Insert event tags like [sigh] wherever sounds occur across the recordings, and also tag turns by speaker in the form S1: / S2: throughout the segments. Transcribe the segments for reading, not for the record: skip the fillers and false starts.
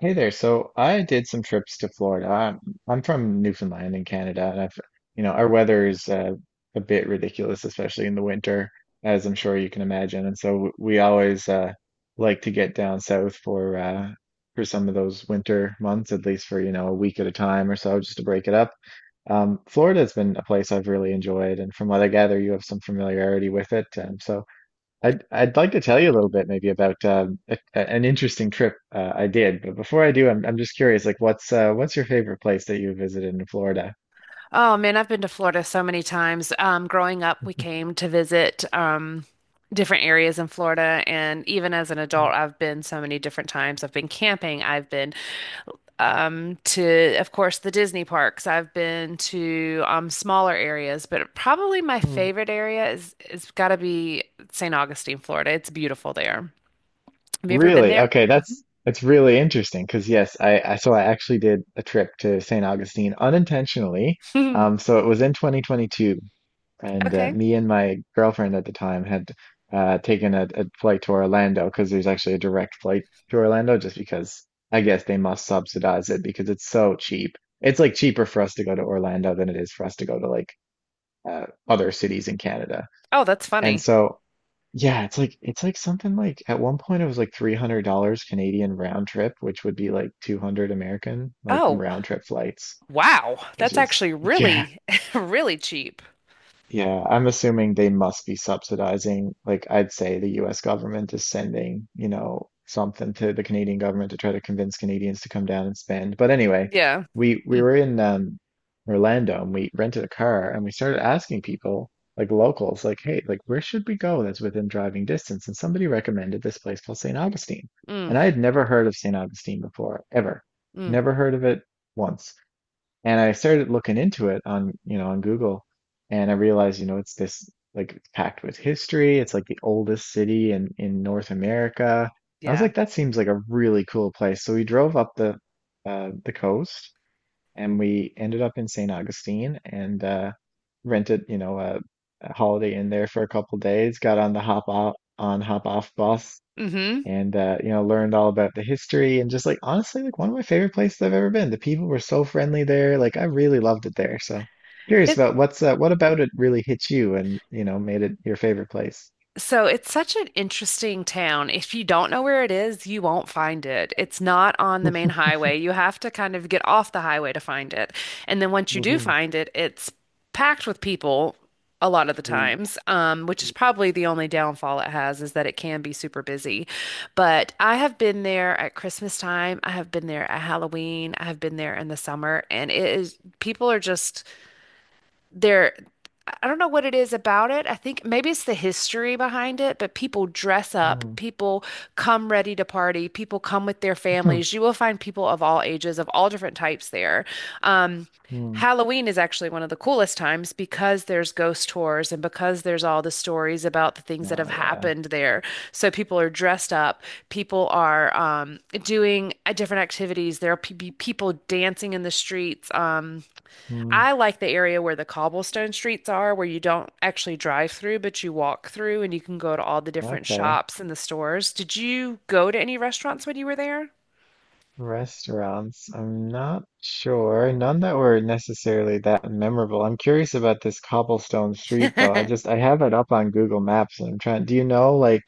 S1: Hey there. So I did some trips to Florida. I'm from Newfoundland in Canada, and I've our weather is a bit ridiculous, especially in the winter, as I'm sure you can imagine. And so we always like to get down south for some of those winter months, at least for a week at a time or so, just to break it up. Florida has been a place I've really enjoyed, and from what I gather, you have some familiarity with it. So I'd like to tell you a little bit maybe about an interesting trip I did, but before I do, I'm just curious, like what's your favorite place that you visited in Florida?
S2: Oh man, I've been to Florida so many times. Growing up, we came to visit different areas in Florida, and even as an adult,
S1: [laughs]
S2: I've been so many different times. I've been camping. I've been to, of course, the Disney parks. I've been to smaller areas, but probably my favorite area is got to be St. Augustine, Florida. It's beautiful there. Have you ever been
S1: Really?
S2: there?
S1: Okay, that's really interesting because yes, I actually did a trip to St. Augustine unintentionally.
S2: Mhm.
S1: So it was in 2022,
S2: [laughs]
S1: and
S2: Okay.
S1: me and my girlfriend at the time had taken a flight to Orlando because there's actually a direct flight to Orlando just because I guess they must subsidize it because it's so cheap. It's like cheaper for us to go to Orlando than it is for us to go to like other cities in Canada.
S2: Oh, that's
S1: And
S2: funny.
S1: so yeah, it's like something like at one point it was like $300 Canadian round trip, which would be like 200 American, like
S2: Oh,
S1: round trip flights,
S2: wow.
S1: which
S2: That's
S1: is
S2: actually
S1: yeah,
S2: really, [laughs] really cheap.
S1: yeah, I'm assuming they must be subsidizing. Like, I'd say the US government is sending, you know, something to the Canadian government to try to convince Canadians to come down and spend. But anyway,
S2: Yeah.
S1: we
S2: Mm,
S1: were in Orlando and we rented a car and we started asking people, like locals, like, hey, like where should we go that's within driving distance? And somebody recommended this place called St. Augustine.
S2: mm,
S1: And I had never heard of St. Augustine before, ever.
S2: mm,
S1: Never heard of it once. And I started looking into it on, you know, on Google, and I realized, you know, it's this it's packed with history. It's like the oldest city in North America. I was
S2: yeah.
S1: like, that seems like a really cool place. So we drove up the coast, and we ended up in St. Augustine and rented, you know, a Holiday Inn there for a couple days. Got on the hop off on hop off bus
S2: hmm
S1: and learned all about the history and just like honestly like one of my favorite places I've ever been. The people were so friendly there. Like I really loved it there. So curious
S2: It
S1: about what about it really hit you and made it your favorite place. [laughs]
S2: so it's such an interesting town. If you don't know where it is, you won't find it. It's not on the main highway. You have to kind of get off the highway to find it. And then once you do
S1: Mhm,
S2: find it, it's packed with people a lot of the
S1: mm,
S2: times, which is probably the only downfall it has is that it can be super busy. But I have been there at Christmas time. I have been there at Halloween. I have been there in the summer, and it is people are just They're, I don't know what it is about it. I think maybe it's the history behind it, but people dress up.
S1: mm,
S2: People come ready to party. People come with their
S1: hmm,
S2: families. You will find people of all ages, of all different types there. Um,
S1: mm.
S2: Halloween is actually one of the coolest times because there's ghost tours and because there's all the stories about the things that
S1: Oh
S2: have
S1: yeah.
S2: happened there. So people are dressed up. People are doing different activities. There are pe- be people dancing in the streets.
S1: Mm,
S2: I like the area where the cobblestone streets are, where you don't actually drive through, but you walk through and you can go to all the different
S1: okay.
S2: shops and the stores. Did you go to any restaurants when you were
S1: Restaurants. I'm not sure. None that were necessarily that memorable. I'm curious about this cobblestone street though.
S2: there? [laughs]
S1: I have it up on Google Maps and I'm trying. Do you know like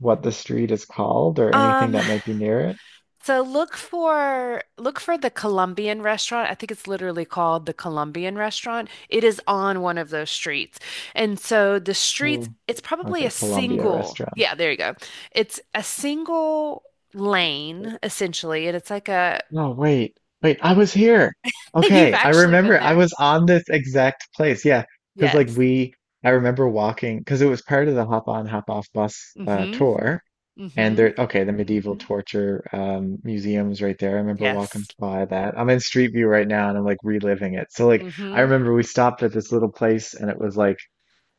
S1: what the street is called or anything
S2: Um,
S1: that might be near it?
S2: so look for the Colombian restaurant. I think it's literally called the Colombian restaurant. It is on one of those streets. And so the streets,
S1: Mm.
S2: it's probably a
S1: Okay, Columbia
S2: single,
S1: Restaurant.
S2: yeah, there you go. It's a single lane essentially, and it's like a
S1: No, wait, wait, I was here.
S2: [laughs] you've
S1: Okay, I
S2: actually been
S1: remember I
S2: there.
S1: was on this exact place. Yeah, because
S2: Yes.
S1: I remember walking because it was part of the hop on, hop off bus
S2: Mm-hmm.
S1: tour. And
S2: Mm-hmm.
S1: there, okay, the medieval Mhm. torture museum is right there. I remember walking
S2: Yes.
S1: by that. I'm in Street View right now and I'm like reliving it. So like, I
S2: Mm-hmm.
S1: remember we stopped at this little place and it was like,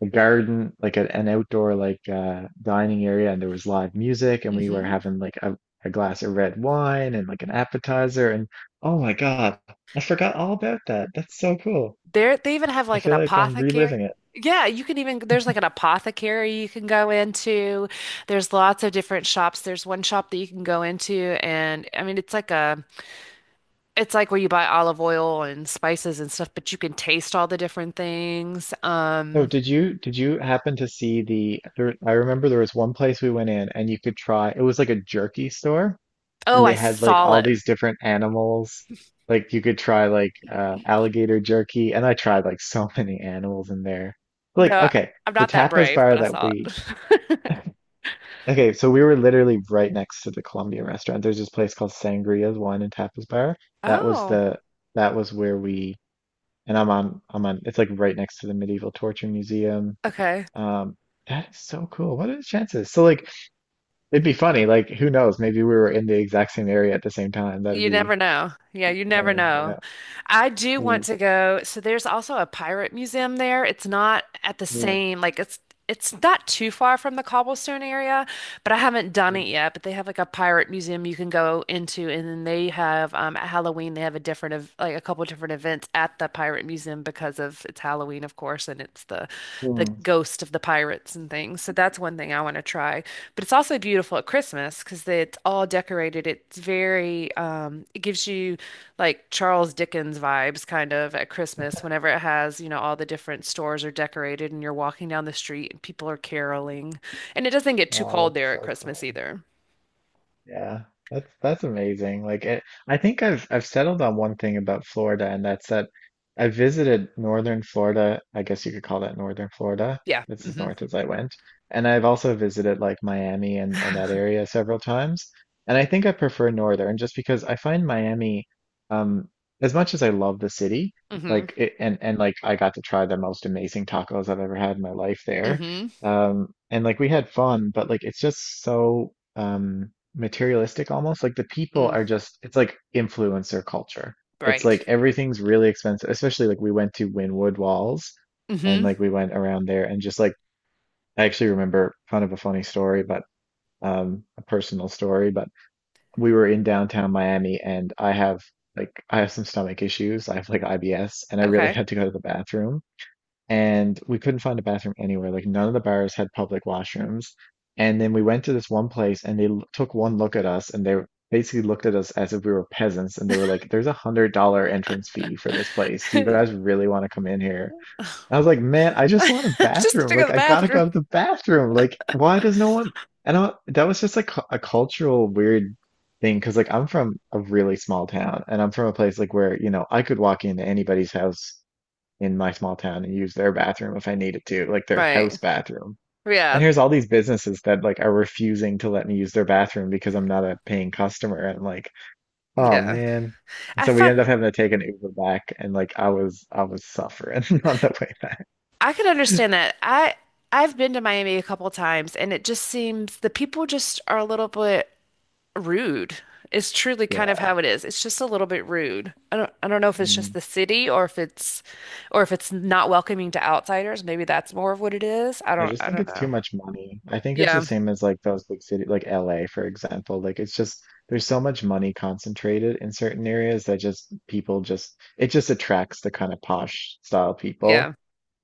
S1: a garden, like an outdoor like dining area and there was live music and we were
S2: Mm-hmm.
S1: having like a glass of red wine and like an appetizer and oh my God, I forgot all about that. That's so cool.
S2: There, they even have
S1: I
S2: like an
S1: feel like I'm
S2: apothecary.
S1: reliving it.
S2: Yeah, you can even, there's like an apothecary you can go into. There's lots of different shops. There's one shop that you can go into, and I mean, it's like a, it's like where you buy olive oil and spices and stuff, but you can taste all the different things.
S1: Oh, did you happen to see I remember there was one place we went in and you could try it was like a jerky store
S2: Oh,
S1: and they
S2: I
S1: had like
S2: saw
S1: all
S2: it.
S1: these different animals. Like you could try like alligator jerky, and I tried like so [laughs] many animals in there. Like
S2: No,
S1: okay,
S2: I'm
S1: the
S2: not that
S1: tapas
S2: brave,
S1: bar
S2: but I
S1: that
S2: saw
S1: we
S2: it. [laughs]
S1: okay, so we were literally right next to the Colombian restaurant. There's this place called Sangria's Wine and Tapas Bar. That was
S2: Oh,
S1: the that was where we and I'm on it's like right next to the Medieval Torture Museum.
S2: okay.
S1: Um, that is so cool. What are the chances? So like it'd be funny. Like who knows? Maybe we were in the exact same area at the same time. That'd
S2: You
S1: be
S2: never know. Yeah, you never
S1: funny.
S2: know.
S1: Yeah.
S2: I do want
S1: Mm,
S2: to go. So there's also a pirate museum there. It's not at the
S1: mm,
S2: same, like it's not too far from the cobblestone area, but I haven't done
S1: mm,
S2: it yet. But they have like a pirate museum you can go into, and then they have at Halloween they have a different of like a couple different events at the pirate museum because of it's Halloween, of course, and it's the
S1: mm.
S2: ghost of the pirates and things. So that's one thing I want to try. But it's also beautiful at Christmas because it's all decorated. It's very it gives you like Charles Dickens vibes kind of at Christmas whenever it has, you know, all the different stores are decorated and you're walking down the street and people are caroling. And it doesn't get too
S1: Oh,
S2: cold
S1: that's
S2: there at
S1: so
S2: Christmas
S1: cool.
S2: either.
S1: Yeah, that's amazing. Like it, I think I've settled on one thing about Florida, and that's that I visited northern Florida. I guess you could call that northern Florida.
S2: Yeah.
S1: It's as
S2: Hmm.
S1: north as I went. And I've also visited like Miami and that area several times. And I think I prefer northern just because I find Miami, um, as much as I love the city,
S2: Hmm.
S1: like it, and like I got to try the most amazing tacos I've ever had in my life there.
S2: Hmm.
S1: And like we had fun, but like it's just so materialistic almost. Like the people
S2: Mm.
S1: are just, it's like influencer culture. It's
S2: Right.
S1: like everything's really expensive, especially like we went to Wynwood Walls and
S2: Hmm.
S1: like we went around there and just like I actually remember kind of a funny story, but a personal story, but we were in downtown Miami and I have some stomach issues. I have like IBS and I really [laughs]
S2: Okay.
S1: had to go to the bathroom and we couldn't find a bathroom anywhere. Like none of the bars had public washrooms. And then we went to this one place and they took one look at us and they basically looked at us as if we were peasants and they were like, there's $100 entrance fee for this place. Do you
S2: [laughs]
S1: guys really want to come in here? I was like, man, I just want a
S2: Just
S1: bathroom.
S2: to go to
S1: Like
S2: the
S1: I gotta
S2: bathroom.
S1: go to the bathroom. Like why does no one? And I, that was just like a cultural weird thing because like I'm from a really small town and I'm from a place like where, you know, I could walk into anybody's house in my small town and use their bathroom if I needed to, like their house
S2: Right.
S1: bathroom. And
S2: Yeah,
S1: here's all these businesses that like are refusing to let me use their bathroom because I'm not a paying customer. And like, oh
S2: yeah.
S1: man. And
S2: I
S1: so we
S2: find
S1: ended up having to take an Uber back and like I was suffering [laughs] on the way back.
S2: I can understand that. I've been to Miami a couple times and it just seems the people just are a little bit rude. It's truly kind of
S1: Yeah.
S2: how it is. It's just a little bit rude. I don't know if it's just
S1: Mm.
S2: the city or if it's not welcoming to outsiders. Maybe that's more of what it is. I
S1: I
S2: don't
S1: just
S2: I
S1: think
S2: don't
S1: it's
S2: know.
S1: too much money. I think it's the
S2: Yeah.
S1: same as like those big cities, like LA, for example. Like it's just there's so much money concentrated in certain areas that just people just it just attracts the kind of posh style people
S2: Yeah.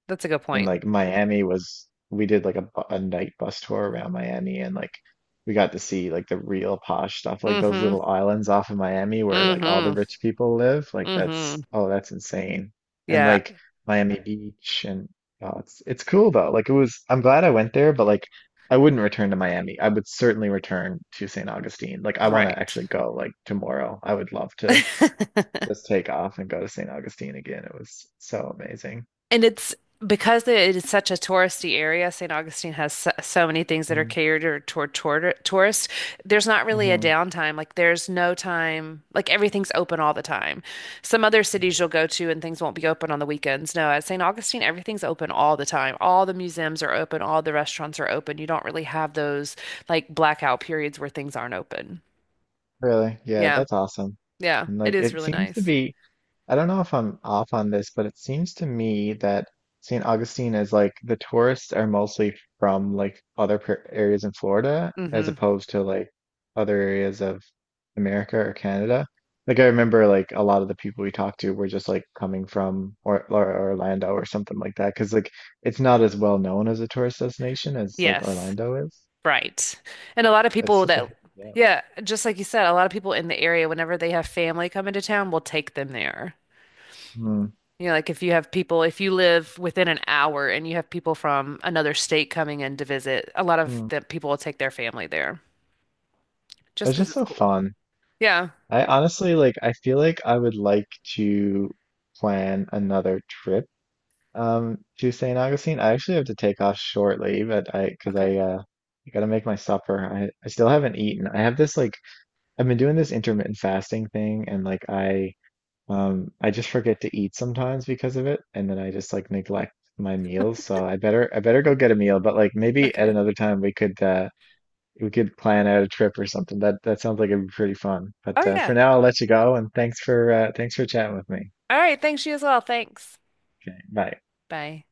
S2: That's a good
S1: and
S2: point.
S1: like Miami was we did like a night bus tour around Miami and like we got to see like the real posh stuff like those
S2: Mm-hmm.
S1: little islands off of Miami where like all the
S2: Mm-hmm.
S1: rich people live like
S2: Mm-hmm.
S1: that's oh that's insane and
S2: Yeah.
S1: like Miami Beach and oh it's cool though like it was I'm glad I went there but like I wouldn't return to Miami. I would certainly return to St. Augustine. Like I want to
S2: Right.
S1: actually go like tomorrow. I would love to
S2: [laughs]
S1: just take off and go to St. Augustine again. It was so amazing.
S2: And it's because it is such a touristy area, St. Augustine has so, so many things that are
S1: Mm-hmm.
S2: catered toward tourists. There's not really a downtime. Like there's no time, like everything's open all the time. Some other cities you'll go to and things won't be open on the weekends. No, at St. Augustine, everything's open all the time. All the museums are open, all the restaurants are open. You don't really have those like blackout periods where things aren't open.
S1: Really? Yeah,
S2: Yeah.
S1: that's awesome.
S2: Yeah.
S1: And
S2: It
S1: like
S2: is
S1: it
S2: really
S1: seems to
S2: nice.
S1: be, I don't know if I'm off on this, but it seems to me that St. Augustine is like the tourists are mostly from like areas in Florida as
S2: Hmm.
S1: opposed to like other areas of America or Canada. Like I remember like a lot of the people we talked to were just like coming from or Orlando or something like that because like it's not as well known as a tourist destination as like
S2: Yes.
S1: Orlando is.
S2: Right. And a lot of
S1: It's such a hidden gem.
S2: yeah, just like you said, a lot of people in the area, whenever they have family come into town, will take them there.
S1: Hmm.
S2: You know, like if you have people, if you live within an hour and you have people from another state coming in to visit, a lot of
S1: Hmm.
S2: the people will take their family there just
S1: It's
S2: because
S1: just
S2: it's
S1: so
S2: cool.
S1: fun.
S2: Yeah.
S1: I honestly like I feel like I would like to plan another trip to St. Augustine. I actually have to take off shortly, but I because
S2: Okay.
S1: I gotta make my supper. I still haven't eaten. I have this I've been doing this intermittent fasting thing and like I just forget to eat sometimes because of it and then I just like neglect my meals. So I better go get a meal, but like maybe at
S2: Okay.
S1: another time we could plan out a trip or something. That sounds like it'd be pretty fun.
S2: Oh,
S1: But for
S2: yeah.
S1: now, I'll let you go, and thanks for thanks for chatting with me.
S2: All right. Thanks, you as well. Thanks.
S1: Okay, bye.
S2: Bye.